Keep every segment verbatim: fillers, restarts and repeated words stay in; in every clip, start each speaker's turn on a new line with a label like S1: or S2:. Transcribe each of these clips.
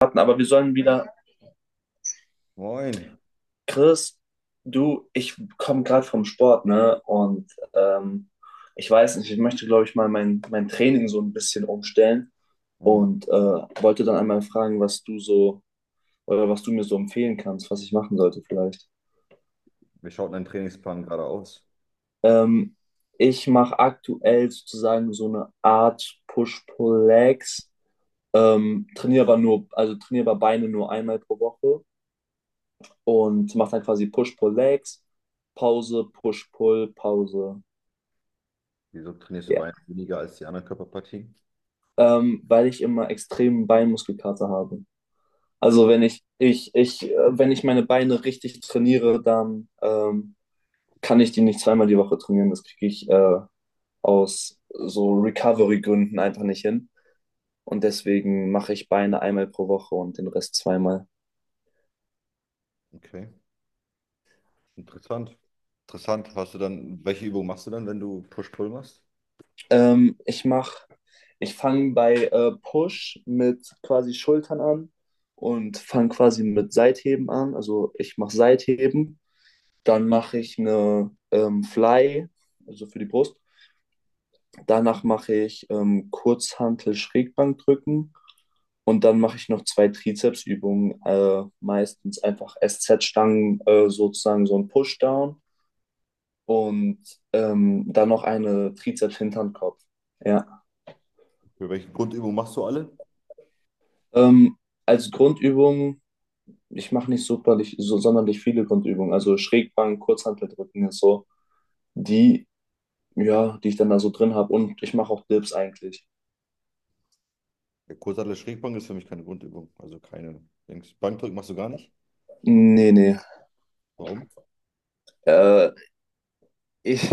S1: Hatten, aber wir sollen wieder.
S2: Moin.
S1: Chris, du, ich komme gerade vom Sport, ne? Und ähm, ich weiß nicht, ich möchte, glaube ich, mal mein, mein Training so ein bisschen umstellen
S2: Hm.
S1: und äh, wollte dann einmal fragen, was du so oder was du mir so empfehlen kannst, was ich machen sollte vielleicht.
S2: Wie schaut dein Trainingsplan gerade aus?
S1: Ähm, Ich mache aktuell sozusagen so eine Art Push-Pull-Legs, ähm, trainiere aber nur, also trainiere aber Beine nur einmal pro Woche und macht dann quasi Push-Pull-Legs, Pause, Push-Pull, Pause.
S2: Wieso trainierst du
S1: Ja.
S2: Beine weniger als die anderen Körperpartien?
S1: Ähm, weil ich immer extremen Beinmuskelkater habe. Also wenn ich, ich, ich, äh, wenn ich meine Beine richtig trainiere, dann ähm, kann ich die nicht zweimal die Woche trainieren. Das kriege ich äh, aus so Recovery-Gründen einfach nicht hin. Und deswegen mache ich Beine einmal pro Woche und den Rest zweimal.
S2: Okay, interessant. Interessant. Hast du dann, welche Übung machst du dann, wenn du Push-Pull machst?
S1: Ähm, ich mach, Ich fange bei äh, Push mit quasi Schultern an und fange quasi mit Seitheben an. Also ich mache Seitheben, dann mache ich eine ähm, Fly, also für die Brust. Danach mache ich ähm, Kurzhantel Schrägbankdrücken und dann mache ich noch zwei Trizepsübungen, äh, meistens einfach S Z-Stangen, äh, sozusagen so ein Pushdown und ähm, dann noch eine Trizeps-Hinternkopf. Ja.
S2: Für welche Grundübung machst du alle?
S1: Ähm, Als Grundübung, ich mache nicht superlich, so sonderlich viele Grundübungen. Also Schrägbank, Kurzhanteldrücken ist so die, ja, die ich dann da so drin habe. Und ich mache auch Dips eigentlich.
S2: Der Kurzhantel Schrägbank ist für mich keine Grundübung, also keine Dings. Bankdrücken machst du gar nicht.
S1: Nee, nee.
S2: Warum?
S1: Äh, ich,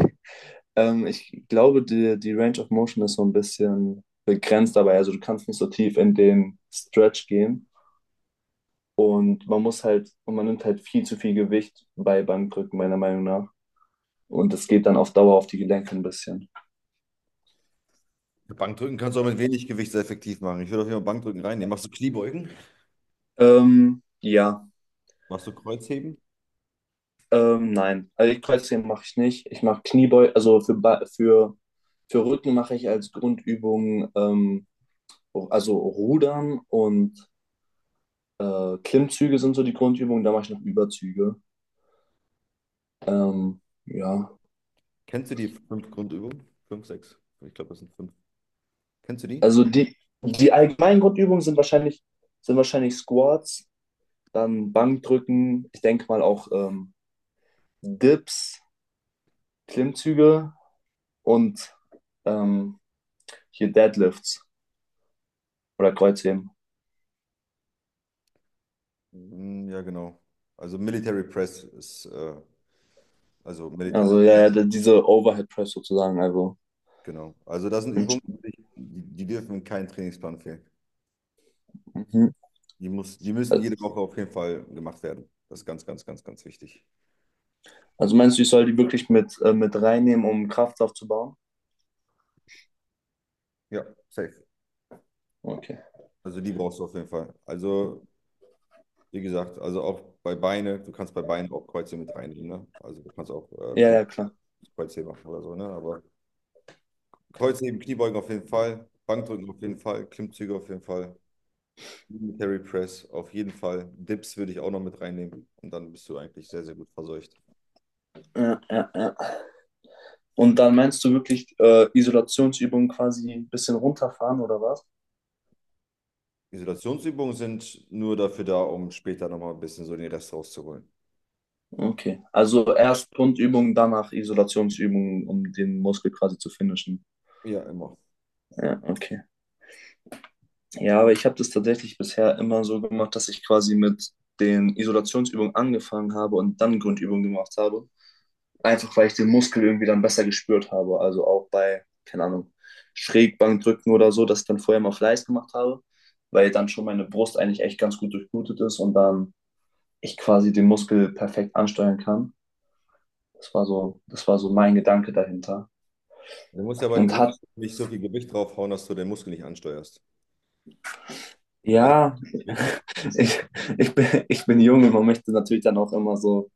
S1: ähm, Ich glaube, die, die Range of Motion ist so ein bisschen begrenzt dabei. Also du kannst nicht so tief in den Stretch gehen. Und man muss halt, und man nimmt halt viel zu viel Gewicht bei Bankdrücken, meiner Meinung nach. Und das geht dann auf Dauer auf die Gelenke ein bisschen.
S2: Ja, Bankdrücken kannst du auch mit wenig Gewicht sehr effektiv machen. Ich würde auf jeden Fall Bankdrücken reinnehmen. Machst du Kniebeugen?
S1: Ähm, ja.
S2: Machst du Kreuzheben?
S1: Ähm, nein, also die Kreuzheben mache ich nicht. Ich mache Kniebeugen, also für, Ba- für, für Rücken mache ich als Grundübung, ähm, also Rudern und äh, Klimmzüge sind so die Grundübungen, da mache ich noch Überzüge. Ähm, ja,
S2: Kennst du die fünf Grundübungen? Fünf, sechs. Ich glaube, das sind fünf. Kennst du die?
S1: also die, die allgemeinen Grundübungen sind wahrscheinlich, sind wahrscheinlich Squats, dann Bankdrücken, ich denke mal auch ähm, Dips, Klimmzüge und ähm, hier Deadlifts oder Kreuzheben.
S2: Mm, ja, genau. Also Military Press ist, äh, also Military,
S1: Also ja, ja, diese Overhead Press sozusagen. Also,
S2: genau. Also das sind Übungen, die, die dürfen in keinen Trainingsplan fehlen.
S1: mhm.
S2: Die muss, die müssen jede Woche auf jeden Fall gemacht werden. Das ist ganz, ganz, ganz, ganz wichtig.
S1: Also meinst du, ich soll die wirklich mit, äh, mit reinnehmen, um Kraft aufzubauen?
S2: Ja, safe.
S1: Okay.
S2: Also die brauchst du auf jeden Fall. Also, wie gesagt, also auch bei Beine, du kannst bei Beinen auch Kreuzheben mit reinnehmen, ne? Also du kannst auch äh,
S1: Ja,
S2: Rumpf
S1: ja, klar.
S2: Kreuzheben machen oder so, ne? Aber Kreuzheben, Kniebeugen auf jeden Fall, Bankdrücken auf jeden Fall, Klimmzüge auf jeden Fall. Military Press, auf jeden Fall. Dips würde ich auch noch mit reinnehmen. Und dann bist du eigentlich sehr, sehr gut verseucht.
S1: Ja, ja, ja. Und dann meinst du wirklich äh, Isolationsübungen quasi ein bisschen runterfahren oder was?
S2: Isolationsübungen sind nur dafür da, um später nochmal ein bisschen so den Rest rauszuholen.
S1: Okay. Also erst Grundübungen, danach Isolationsübungen, um den Muskel quasi zu finishen.
S2: Ja, immer.
S1: Ja, okay. Ja, aber ich habe das tatsächlich bisher immer so gemacht, dass ich quasi mit den Isolationsübungen angefangen habe und dann Grundübungen gemacht habe. Einfach weil ich den Muskel irgendwie dann besser gespürt habe. Also auch bei, keine Ahnung, Schrägbankdrücken oder so, dass ich dann vorher mal Fleiß gemacht habe, weil dann schon meine Brust eigentlich echt ganz gut durchblutet ist und dann ich quasi den Muskel perfekt ansteuern kann. Das war so, das war so mein Gedanke dahinter.
S2: Du musst ja bei den
S1: Und
S2: Brüsten
S1: hat,
S2: nicht so viel Gewicht draufhauen, dass du den Muskel nicht ansteuerst. Da ist
S1: ja,
S2: wichtig,
S1: ich, ich bin, ich bin jung und man möchte natürlich dann auch immer so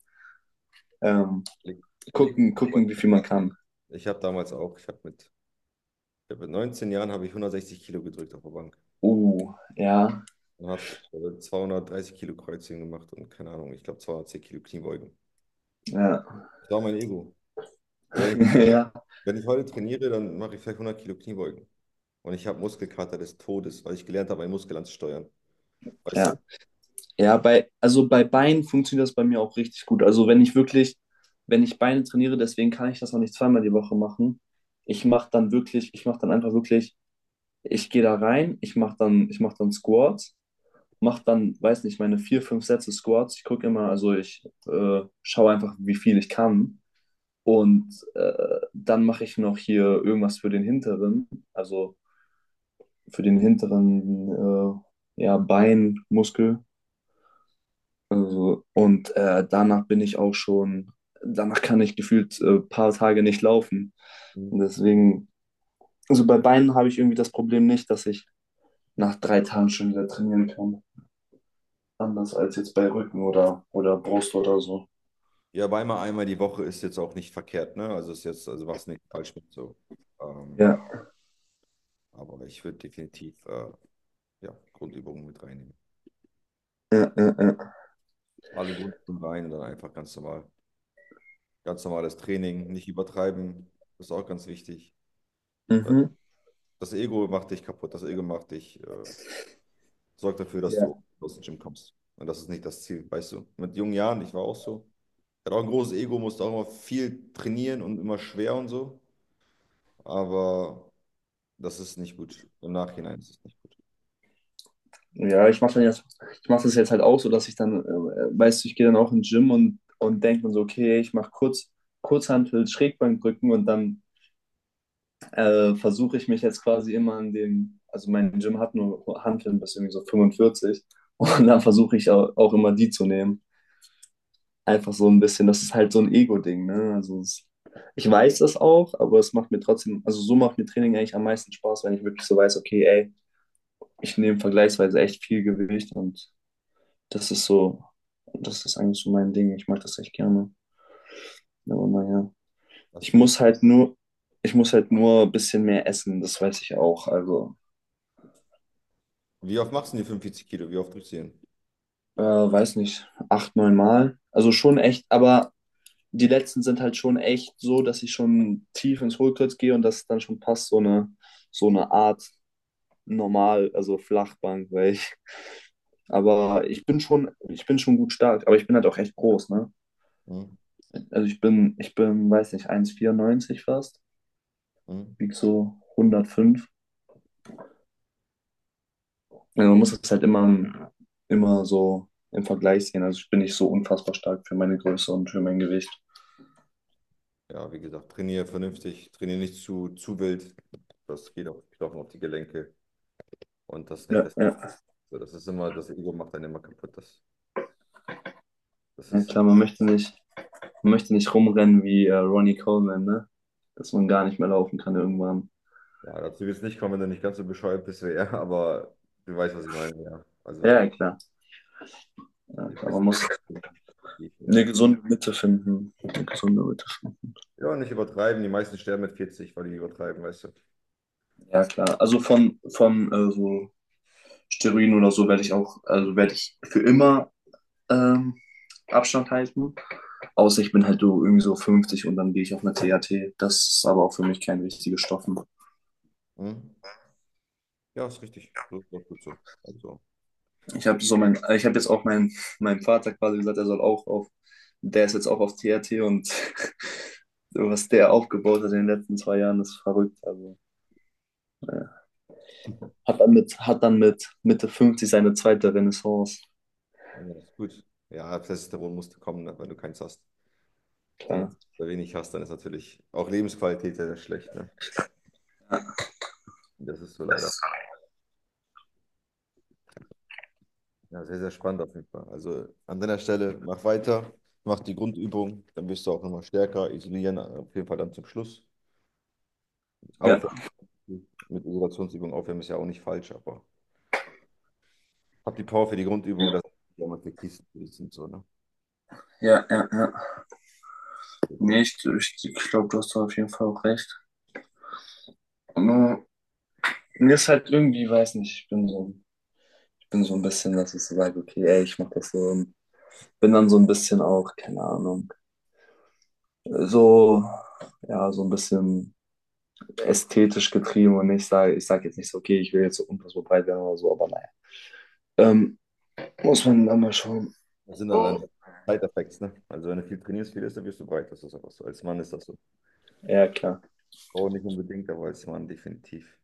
S1: ähm,
S2: leg, leg
S1: gucken, gucken, wie viel man kann.
S2: ich habe damals auch, ich habe mit, ich hab mit neunzehn Jahren habe ich hundertsechzig Kilo gedrückt auf der Bank
S1: Uh, ja,
S2: und habe zweihundertdreißig Kilo Kreuzheben gemacht und keine Ahnung, ich glaube zweihundertzehn Kilo Kniebeugen.
S1: ja,
S2: Das war mein Ego. Also wenn
S1: ja,
S2: Wenn ich heute trainiere, dann mache ich vielleicht hundert Kilo Kniebeugen. Und ich habe Muskelkater des Todes, weil ich gelernt habe, meinen Muskel anzusteuern. Weißt
S1: ja.
S2: du?
S1: Ja, bei, also bei Beinen funktioniert das bei mir auch richtig gut. Also wenn ich wirklich, wenn ich Beine trainiere, deswegen kann ich das auch nicht zweimal die Woche machen. Ich mache dann wirklich, ich mache dann einfach wirklich, ich gehe da rein, ich mache dann, ich mache dann Squats, mache dann, weiß nicht, meine vier, fünf Sätze Squats. Ich gucke immer, also ich äh, schaue einfach, wie viel ich kann. Und äh, dann mache ich noch hier irgendwas für den hinteren, also für den hinteren äh, ja, Beinmuskel. Also, und äh, danach bin ich auch schon, danach kann ich gefühlt ein äh, paar Tage nicht laufen. Und
S2: Mhm.
S1: deswegen, also bei Beinen habe ich irgendwie das Problem nicht, dass ich nach drei Tagen schon wieder trainieren kann. Anders als jetzt bei Rücken oder oder Brust oder so.
S2: Ja, aber einmal, einmal die Woche ist jetzt auch nicht verkehrt, ne? Also ist jetzt, also machst nicht falsch mit so. Ähm,
S1: Ja,
S2: aber ich würde definitiv äh, ja, Grundübungen mit reinnehmen.
S1: ja, ja, ja.
S2: Alle Grundübungen rein und dann einfach ganz normal, ganz normales Training, nicht übertreiben. Das ist auch ganz wichtig.
S1: Mhm.
S2: Das Ego macht dich kaputt, das Ego macht dich, äh, sorgt dafür, dass
S1: Ja,
S2: du aus dem Gym kommst. Und das ist nicht das Ziel, weißt du? Mit jungen Jahren, ich war auch so. Hat auch ein großes Ego, musste auch immer viel trainieren und immer schwer und so. Aber das ist nicht gut. Im Nachhinein ist es nicht gut.
S1: ja, ich mache dann jetzt, ich mache das jetzt halt auch so, dass ich dann, äh, weißt du, ich gehe dann auch ins Gym und, und denke mir so, okay, ich mache kurz, Kurzhantel, Schrägbankdrücken und dann äh, versuche ich mich jetzt quasi immer an dem, also mein Gym hat nur Hanteln bis irgendwie so fünfundvierzig und dann versuche ich auch, auch immer die zu nehmen. Einfach so ein bisschen, das ist halt so ein Ego-Ding, ne? Also es, ich weiß das auch, aber es macht mir trotzdem, also so macht mir Training eigentlich am meisten Spaß, wenn ich wirklich so weiß, okay, ey, ich nehme vergleichsweise echt viel Gewicht und das ist so, das ist eigentlich so mein Ding. Ich mag das echt gerne. Aber naja. Ich
S2: Hast du dich,
S1: muss halt nur, Ich muss halt nur ein bisschen mehr essen, das weiß ich auch. Also
S2: wie oft machst du denn die fünfundvierzig Kilo? Wie oft drückst du die hin?
S1: Äh, weiß nicht, acht, neun Mal. Also schon echt, aber die letzten sind halt schon echt so, dass ich schon tief ins Hohlkreuz gehe und das dann schon passt, so eine, so eine Art normal, also Flachbank, weil ich, aber ich bin schon, ich bin schon gut stark, aber ich bin halt auch echt groß, ne?
S2: Hm?
S1: Also ich bin, ich bin, weiß nicht, eins Komma vierundneunzig fast,
S2: Hm?
S1: wieg so hundertfünf. Also man muss das halt immer, im- immer so im Vergleich sehen. Also ich bin nicht so unfassbar stark für meine Größe und für mein Gewicht.
S2: Ja, wie gesagt, trainiere vernünftig, trainiere nicht zu, zu wild. Das geht auf die Knochen, auf die Gelenke. Und das ist nicht
S1: Ja,
S2: das.
S1: ja.
S2: Das ist immer, das Ego macht einen immer kaputt. Das, das
S1: Ja,
S2: ist,
S1: klar, man möchte nicht, man möchte nicht rumrennen wie äh, Ronnie Coleman, ne? Dass man gar nicht mehr laufen kann irgendwann.
S2: ja, dazu wird es nicht kommen, wenn du nicht ganz so bescheuert bist wie er, aber du weißt, was ich meine, ja.
S1: Ja,
S2: Also,
S1: ja, klar. Ja,
S2: ich
S1: klar.
S2: weiß
S1: Man
S2: nicht,
S1: muss
S2: wie ich,
S1: eine
S2: äh,
S1: gesunde Mitte finden. Eine gesunde Mitte finden.
S2: ja, nicht übertreiben. Die meisten sterben mit vierzig, weil die übertreiben, weißt du.
S1: Ja, klar. Also von, von äh, so Steroiden oder so werde ich auch, also werde ich für immer ähm, Abstand halten. Außer ich bin halt so irgendwie so fünfzig und dann gehe ich auf eine T H T. Das ist aber auch für mich kein wichtiges Stoff, ne?
S2: Hm? Ja, ist richtig. Das ist doch gut so. Also,
S1: Ich habe so mein, ich habe jetzt auch meinem meinem Vater quasi gesagt, er soll auch auf, der ist jetzt auch auf T R T und was der aufgebaut hat in den letzten zwei Jahren, ist verrückt. Also, ja. Hat dann mit, hat dann mit Mitte fünfzig seine zweite Renaissance.
S2: ja, ist gut. Ja, Testosteron musste kommen, ne, wenn du keins hast. Dann,
S1: Klar.
S2: ist- wenn du wenig hast, dann ist natürlich auch Lebensqualität sehr, sehr schlecht. Ne?
S1: Ja,
S2: Das ist so leider.
S1: das-
S2: Ja, sehr, sehr spannend auf jeden Fall. Also an deiner Stelle, mach weiter, mach die Grundübung, dann wirst du auch nochmal stärker. Isolieren auf jeden Fall dann zum Schluss.
S1: ja,
S2: Aufwärmen mit Isolationsübung aufwärmen ist ja auch nicht falsch, aber hab die Power für die Grundübung, das ist ja am effektivsten. Für dich und So, ne?
S1: ja, ja, ja.
S2: So.
S1: Nee, ich, ich, ich glaube, du hast da auf jeden Fall auch recht. Nur, mir ist halt irgendwie, weiß nicht, ich bin so, ich bin so ein bisschen, dass ich so sage, okay, ey, ich mach das so. Bin dann so ein bisschen auch, keine Ahnung, so, ja, so ein bisschen ästhetisch getrieben und ich sage, ich sage jetzt nicht so, okay, ich will jetzt so unfassbar breit werden oder so, aber naja. Ähm, Muss man dann mal schauen.
S2: Das sind allein Side-Effects, ne? Also wenn du viel trainierst, viel isst, dann wirst du breit. Das ist einfach so. Als Mann ist das so.
S1: Ja, klar.
S2: Frau nicht unbedingt, aber als Mann definitiv.